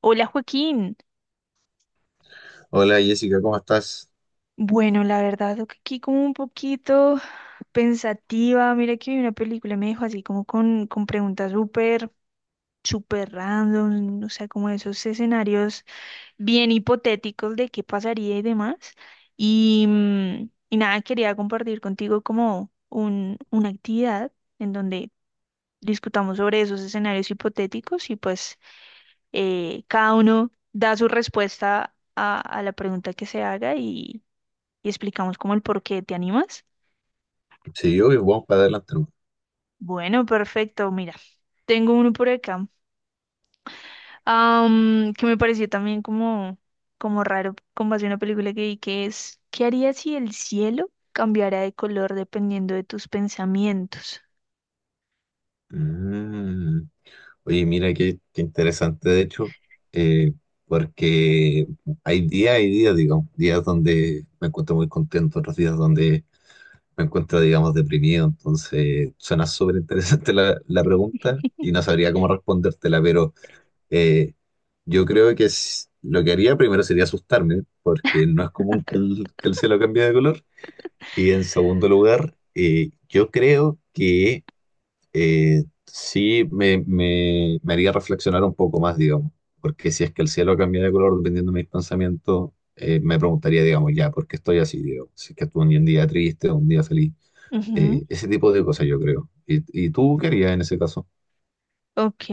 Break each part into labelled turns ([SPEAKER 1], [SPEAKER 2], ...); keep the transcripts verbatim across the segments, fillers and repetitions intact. [SPEAKER 1] Hola Joaquín.
[SPEAKER 2] Hola Jessica, ¿cómo estás?
[SPEAKER 1] Bueno, la verdad, lo que aquí como un poquito pensativa. Mira que vi una película y me dejó así como con, con preguntas súper, súper random, o sea, como esos escenarios bien hipotéticos de qué pasaría y demás. Y, mm, y nada, quería compartir contigo como un, una actividad en donde discutamos sobre esos escenarios hipotéticos y pues eh, cada uno da su respuesta a, a la pregunta que se haga y explicamos como el por qué. ¿Te animas?
[SPEAKER 2] Sí, obvio, vamos para adelante. ¿No?
[SPEAKER 1] Bueno, perfecto. Mira, tengo uno por acá am, que me pareció también como, como raro con base a una película que vi que es, ¿qué harías si el cielo cambiara de color dependiendo de tus pensamientos?
[SPEAKER 2] Mm. Oye, mira qué, qué interesante, de hecho, eh, porque hay días, hay días, digamos, días donde me encuentro muy contento, otros días donde me encuentro, digamos, deprimido. Entonces, suena súper interesante la, la pregunta y no sabría cómo respondértela, pero eh, yo creo que es- lo que haría primero sería asustarme, porque no es común que el, que el cielo cambie de color. Y en segundo lugar, eh, yo creo que eh, sí me, me, me haría reflexionar un poco más, digamos, porque si es que el cielo cambia de color dependiendo de mis pensamientos, eh, me preguntaría, digamos, ya, ¿por qué estoy así, digamos? Si es que tuve un día triste, un día feliz,
[SPEAKER 1] Ujú.
[SPEAKER 2] eh, ese tipo de cosas yo creo. ¿Y, y tú qué harías en ese caso?
[SPEAKER 1] Ok.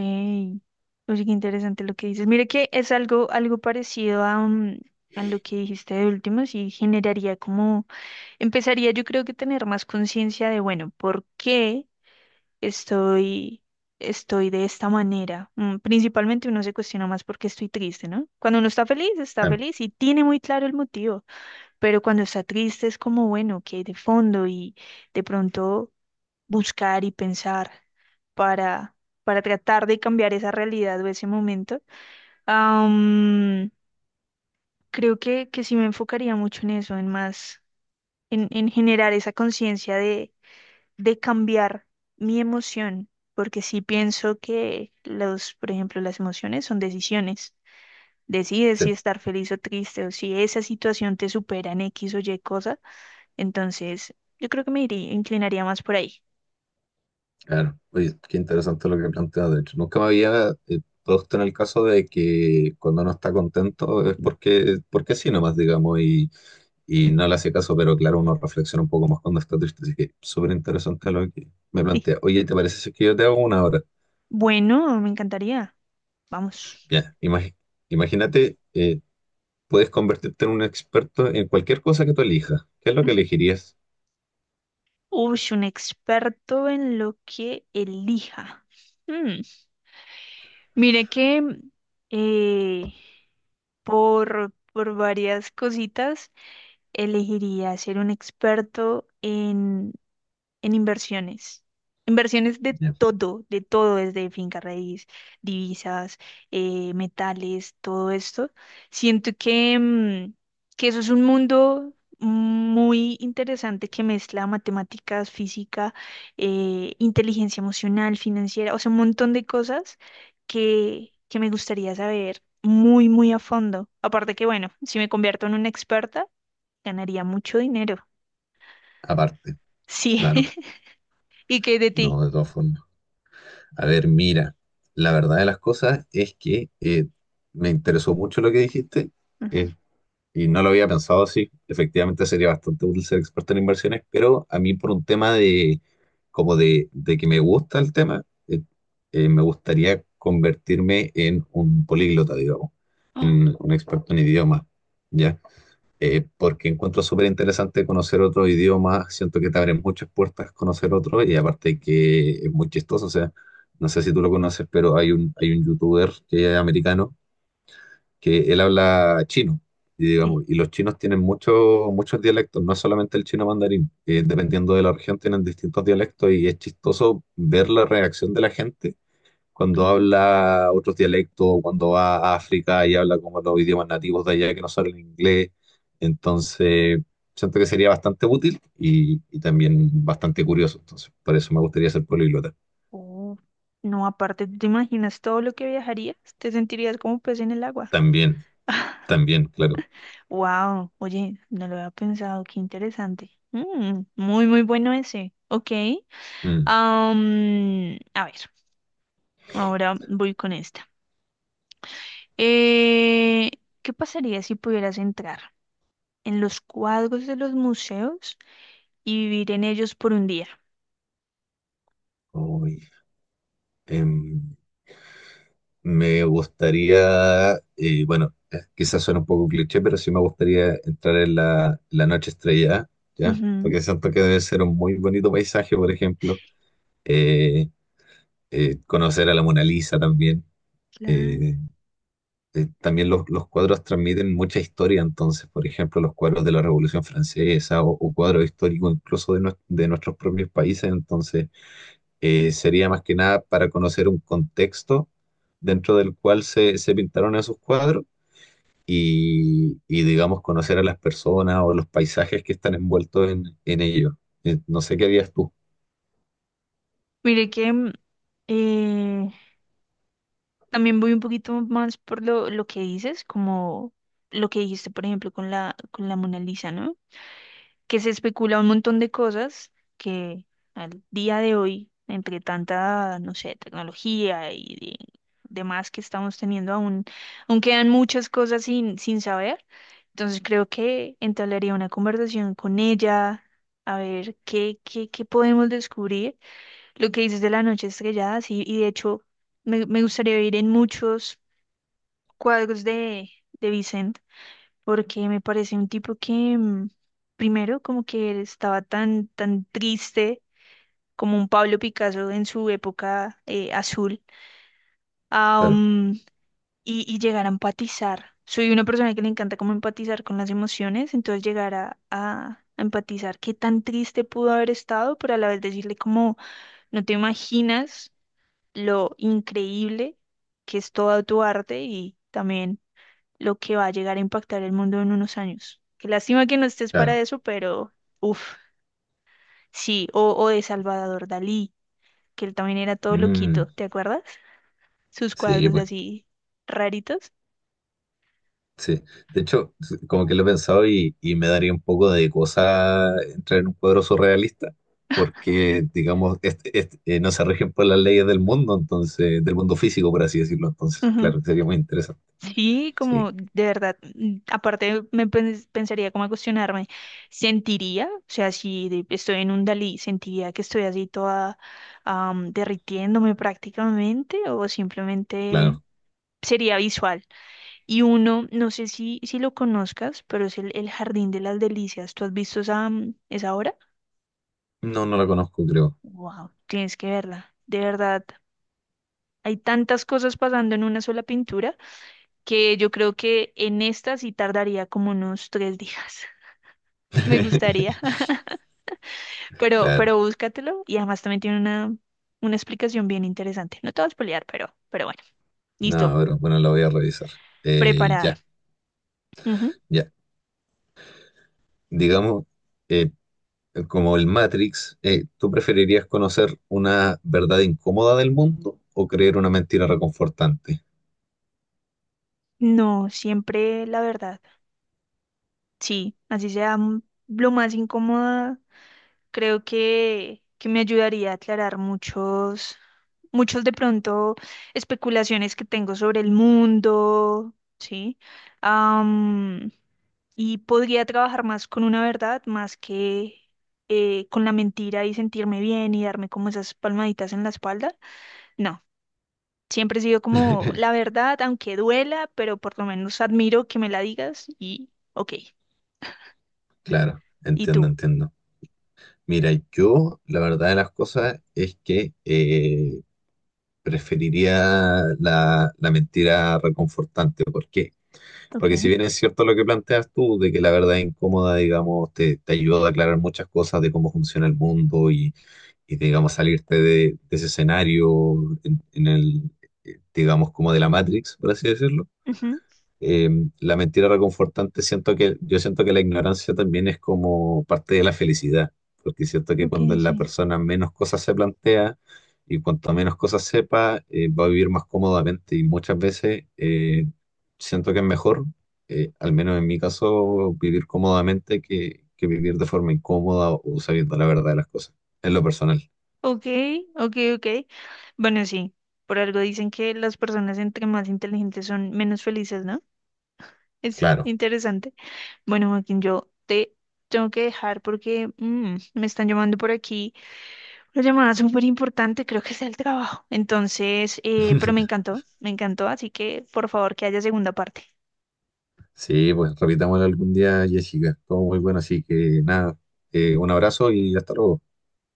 [SPEAKER 1] Oye, qué interesante lo que dices. Mira que es algo, algo parecido a, mm, a lo que dijiste de último, sí generaría como, empezaría yo creo que tener más conciencia de, bueno, ¿por qué estoy, estoy de esta manera? Mm, Principalmente uno se cuestiona más porque estoy triste, ¿no? Cuando uno está feliz, está
[SPEAKER 2] Claro,
[SPEAKER 1] feliz y tiene muy claro el motivo, pero cuando está triste es como, bueno, que hay de fondo y de pronto buscar y pensar para, para tratar de cambiar esa realidad o ese momento. Am, creo que, que sí me enfocaría mucho en eso, en más, en, en generar esa conciencia de cambiar mi emoción, porque sí pienso que los, por ejemplo, las emociones son decisiones. Decides
[SPEAKER 2] sí,
[SPEAKER 1] si estar feliz o triste o si esa situación te supera en X o Y cosa, entonces yo creo que me iría, inclinaría más por ahí.
[SPEAKER 2] claro. Oye, qué interesante lo que planteas, de hecho. Nunca me había eh, puesto en el caso de que cuando uno está contento es porque, porque sí nomás, digamos, y y no le hace caso, pero claro, uno reflexiona un poco más cuando está triste, así que súper interesante lo que me plantea. Oye, ¿te parece si es que yo te hago una hora?
[SPEAKER 1] Bueno, me encantaría. Vamos.
[SPEAKER 2] Ya, imagi- imagínate, eh, puedes convertirte en un experto en cualquier cosa que tú elijas. ¿Qué es lo que
[SPEAKER 1] Ujú.
[SPEAKER 2] elegirías?
[SPEAKER 1] Uy, un experto en lo que elija. Mm, Mire que eh, por, por varias cositas. Elegiría ser un experto en, en inversiones. Inversiones de
[SPEAKER 2] Ya,
[SPEAKER 1] todo, de todo, desde finca raíz, divisas, eh, metales, todo esto. Siento que, mm, que eso es un mundo muy interesante que mezcla matemáticas, física, eh, inteligencia emocional, financiera, o sea, un montón de cosas que, que me gustaría saber muy, muy a fondo. Aparte que, bueno, si me convierto en una experta, ganaría mucho dinero.
[SPEAKER 2] aparte,
[SPEAKER 1] Sí.
[SPEAKER 2] claro,
[SPEAKER 1] ¿Y qué de ti?
[SPEAKER 2] no, de todas formas. A ver, mira, la verdad de las cosas es que eh, me interesó mucho lo que dijiste.
[SPEAKER 1] Ujú.
[SPEAKER 2] Eh, Y no lo había pensado así. Efectivamente sería bastante útil ser experto en inversiones, pero a mí por un tema de como de, de que me gusta el tema, eh, eh, me gustaría convertirme en un políglota, digamos,
[SPEAKER 1] Oh,
[SPEAKER 2] en un experto en idiomas, ¿ya? Eh, porque encuentro súper interesante conocer otro idioma, siento que te abren muchas puertas conocer otro y aparte que es muy chistoso, o sea, no sé si tú lo conoces, pero hay un, hay un youtuber que es americano que él habla chino, y,
[SPEAKER 1] sí.
[SPEAKER 2] digamos, y los chinos tienen muchos muchos dialectos, no es solamente el chino mandarín, eh, dependiendo de la región tienen distintos dialectos y es chistoso ver la reacción de la gente
[SPEAKER 1] Ok.
[SPEAKER 2] cuando habla otros dialectos, o cuando va a África y habla como los idiomas nativos de allá que no son el inglés. Entonces, siento que sería bastante útil y, y también bastante curioso. Entonces, por eso me gustaría ser políglota.
[SPEAKER 1] Oh, no, aparte, ¿tú ¿te imaginas todo lo que viajarías? Te sentirías como pez en el agua.
[SPEAKER 2] También, también, claro.
[SPEAKER 1] Wow, oye, no lo había pensado, qué interesante. Mm, muy, muy bueno ese. Ok.
[SPEAKER 2] Mm.
[SPEAKER 1] Am, a ver, ahora voy con esta. Eh, ¿qué pasaría si pudieras entrar en los cuadros de los museos y vivir en ellos por un día?
[SPEAKER 2] Uy, em, me gustaría, eh, bueno, eh, quizás suena un poco cliché, pero sí me gustaría entrar en la, la noche estrellada, ¿ya?
[SPEAKER 1] Ujú.
[SPEAKER 2] Porque siento que debe ser un muy bonito paisaje, por ejemplo. Eh, eh, conocer a la Mona Lisa también.
[SPEAKER 1] Claro.
[SPEAKER 2] Eh, eh, también los, los cuadros transmiten mucha historia, entonces, por ejemplo, los cuadros de la Revolución Francesa o, o cuadros históricos incluso de, nues- de nuestros propios países, entonces eh, sería más que nada para conocer un contexto dentro del cual se, se pintaron esos cuadros y, y, digamos, conocer a las personas o los paisajes que están envueltos en, en ello. Eh, no sé qué harías tú.
[SPEAKER 1] Mire que mm, eh, también voy un poquito más por lo, lo que dices, como lo que dijiste, por ejemplo, con la, con la Mona Lisa, ¿no? Que se especula un montón de cosas que al día de hoy, entre tanta, no sé, tecnología y de- demás que estamos teniendo, aún, aún quedan muchas cosas sin, sin saber. Entonces creo que entablaría una conversación con ella, a ver qué, qué, qué podemos descubrir lo que dices de la noche estrellada, sí, y de hecho me, me gustaría ver en muchos cuadros de, de Vicent, porque me parece un tipo que, mm, primero, como que él estaba tan, tan triste como un Pablo Picasso en su época eh, azul, ah,
[SPEAKER 2] Claro,
[SPEAKER 1] mm, y, y llegar a empatizar. Soy una persona que le encanta como empatizar con las emociones, entonces llegar a, a a empatizar qué tan triste pudo haber estado, pero a la vez decirle como, no te imaginas lo increíble que es todo tu arte y también lo que va a llegar a impactar el mundo en unos años. Qué lástima que no estés
[SPEAKER 2] claro.
[SPEAKER 1] para eso, pero uff, sí, o, o de Salvador Dalí, que él también era todo
[SPEAKER 2] Mm,
[SPEAKER 1] loquito, ¿te acuerdas? Sus
[SPEAKER 2] sí,
[SPEAKER 1] cuadros
[SPEAKER 2] pues,
[SPEAKER 1] así raritos.
[SPEAKER 2] sí. De hecho, s- como que lo he pensado y, y me daría un poco de cosa entrar en un cuadro surrealista, porque, digamos, este- este, eh, no se rigen por las leyes del mundo, entonces, del mundo físico, por así decirlo. Entonces,
[SPEAKER 1] Ujú.
[SPEAKER 2] claro, sería muy interesante.
[SPEAKER 1] Sí,
[SPEAKER 2] Sí,
[SPEAKER 1] como de verdad, mm, aparte me pen- pensaría como a cuestionarme, ¿sentiría? O sea, si de- estoy en un Dalí, ¿sentiría que estoy así toda am, derritiéndome prácticamente o simplemente
[SPEAKER 2] claro.
[SPEAKER 1] sería visual? Y uno, no sé si, si lo conozcas, pero es el, el Jardín de las Delicias. ¿Tú has visto esa, mm, esa obra?
[SPEAKER 2] No, no la conozco, creo.
[SPEAKER 1] Wow, tienes que verla, de verdad. Hay tantas cosas pasando en una sola pintura que yo creo que en esta sí tardaría como unos tres días. Me gustaría, pero,
[SPEAKER 2] Claro.
[SPEAKER 1] pero búscatelo y además también tiene una, una explicación bien interesante. No te vas a pelear, pero, pero bueno, listo,
[SPEAKER 2] No, pero bueno, la voy a revisar. Eh,
[SPEAKER 1] preparada.
[SPEAKER 2] ya.
[SPEAKER 1] Ujú.
[SPEAKER 2] Ya, digamos, eh, como el Matrix, eh, ¿tú preferirías conocer una verdad incómoda del mundo o creer una mentira reconfortante?
[SPEAKER 1] No, siempre la verdad. Sí, así sea mm, lo más incómoda, creo que, que me ayudaría a aclarar muchos, muchos de pronto especulaciones que tengo sobre el mundo, ¿sí? Y podría trabajar más con una verdad, más que eh, con la mentira y sentirme bien y darme como esas palmaditas en la espalda. No, siempre he sido como la verdad, aunque duela, pero por lo menos admiro que me la digas y ok.
[SPEAKER 2] Claro,
[SPEAKER 1] ¿Y
[SPEAKER 2] entiendo,
[SPEAKER 1] tú?
[SPEAKER 2] entiendo. Mira, yo la verdad de las cosas es que eh, preferiría la, la mentira reconfortante. ¿Por qué?
[SPEAKER 1] Ok.
[SPEAKER 2] Porque si bien es cierto lo que planteas tú, de que la verdad incómoda, digamos, te, te ayuda a aclarar muchas cosas de cómo funciona el mundo y digamos salirte de, de ese escenario en, en el, eh, digamos como de la Matrix, por así decirlo.
[SPEAKER 1] Ujú.
[SPEAKER 2] Eh, la mentira reconfortante, siento que yo siento que la ignorancia también es como parte de la felicidad, porque siento que
[SPEAKER 1] Ok,
[SPEAKER 2] cuando la
[SPEAKER 1] sí.
[SPEAKER 2] persona menos cosas se plantea y cuanto menos cosas sepa, eh, va a vivir más cómodamente y muchas veces eh, siento que es mejor, eh, al menos en mi caso, vivir cómodamente que, que vivir de forma incómoda o sabiendo la verdad de las cosas, en lo personal.
[SPEAKER 1] Ok, ok, ok. Bueno, sí, por algo dicen que las personas entre más inteligentes son menos felices, ¿no? Es
[SPEAKER 2] Claro.
[SPEAKER 1] interesante. Bueno, Joaquín, yo te tengo que dejar porque mm, me están llamando por aquí. Una llamada súper importante, creo que es el trabajo. Entonces, eh, pero me encantó, me encantó, así que por favor que haya segunda parte.
[SPEAKER 2] Sí, pues repitámoslo algún día, Jessica. Todo muy bueno, así que nada, eh, un abrazo y hasta luego.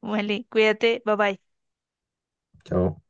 [SPEAKER 1] Vale, cuídate, bye bye.
[SPEAKER 2] Chao.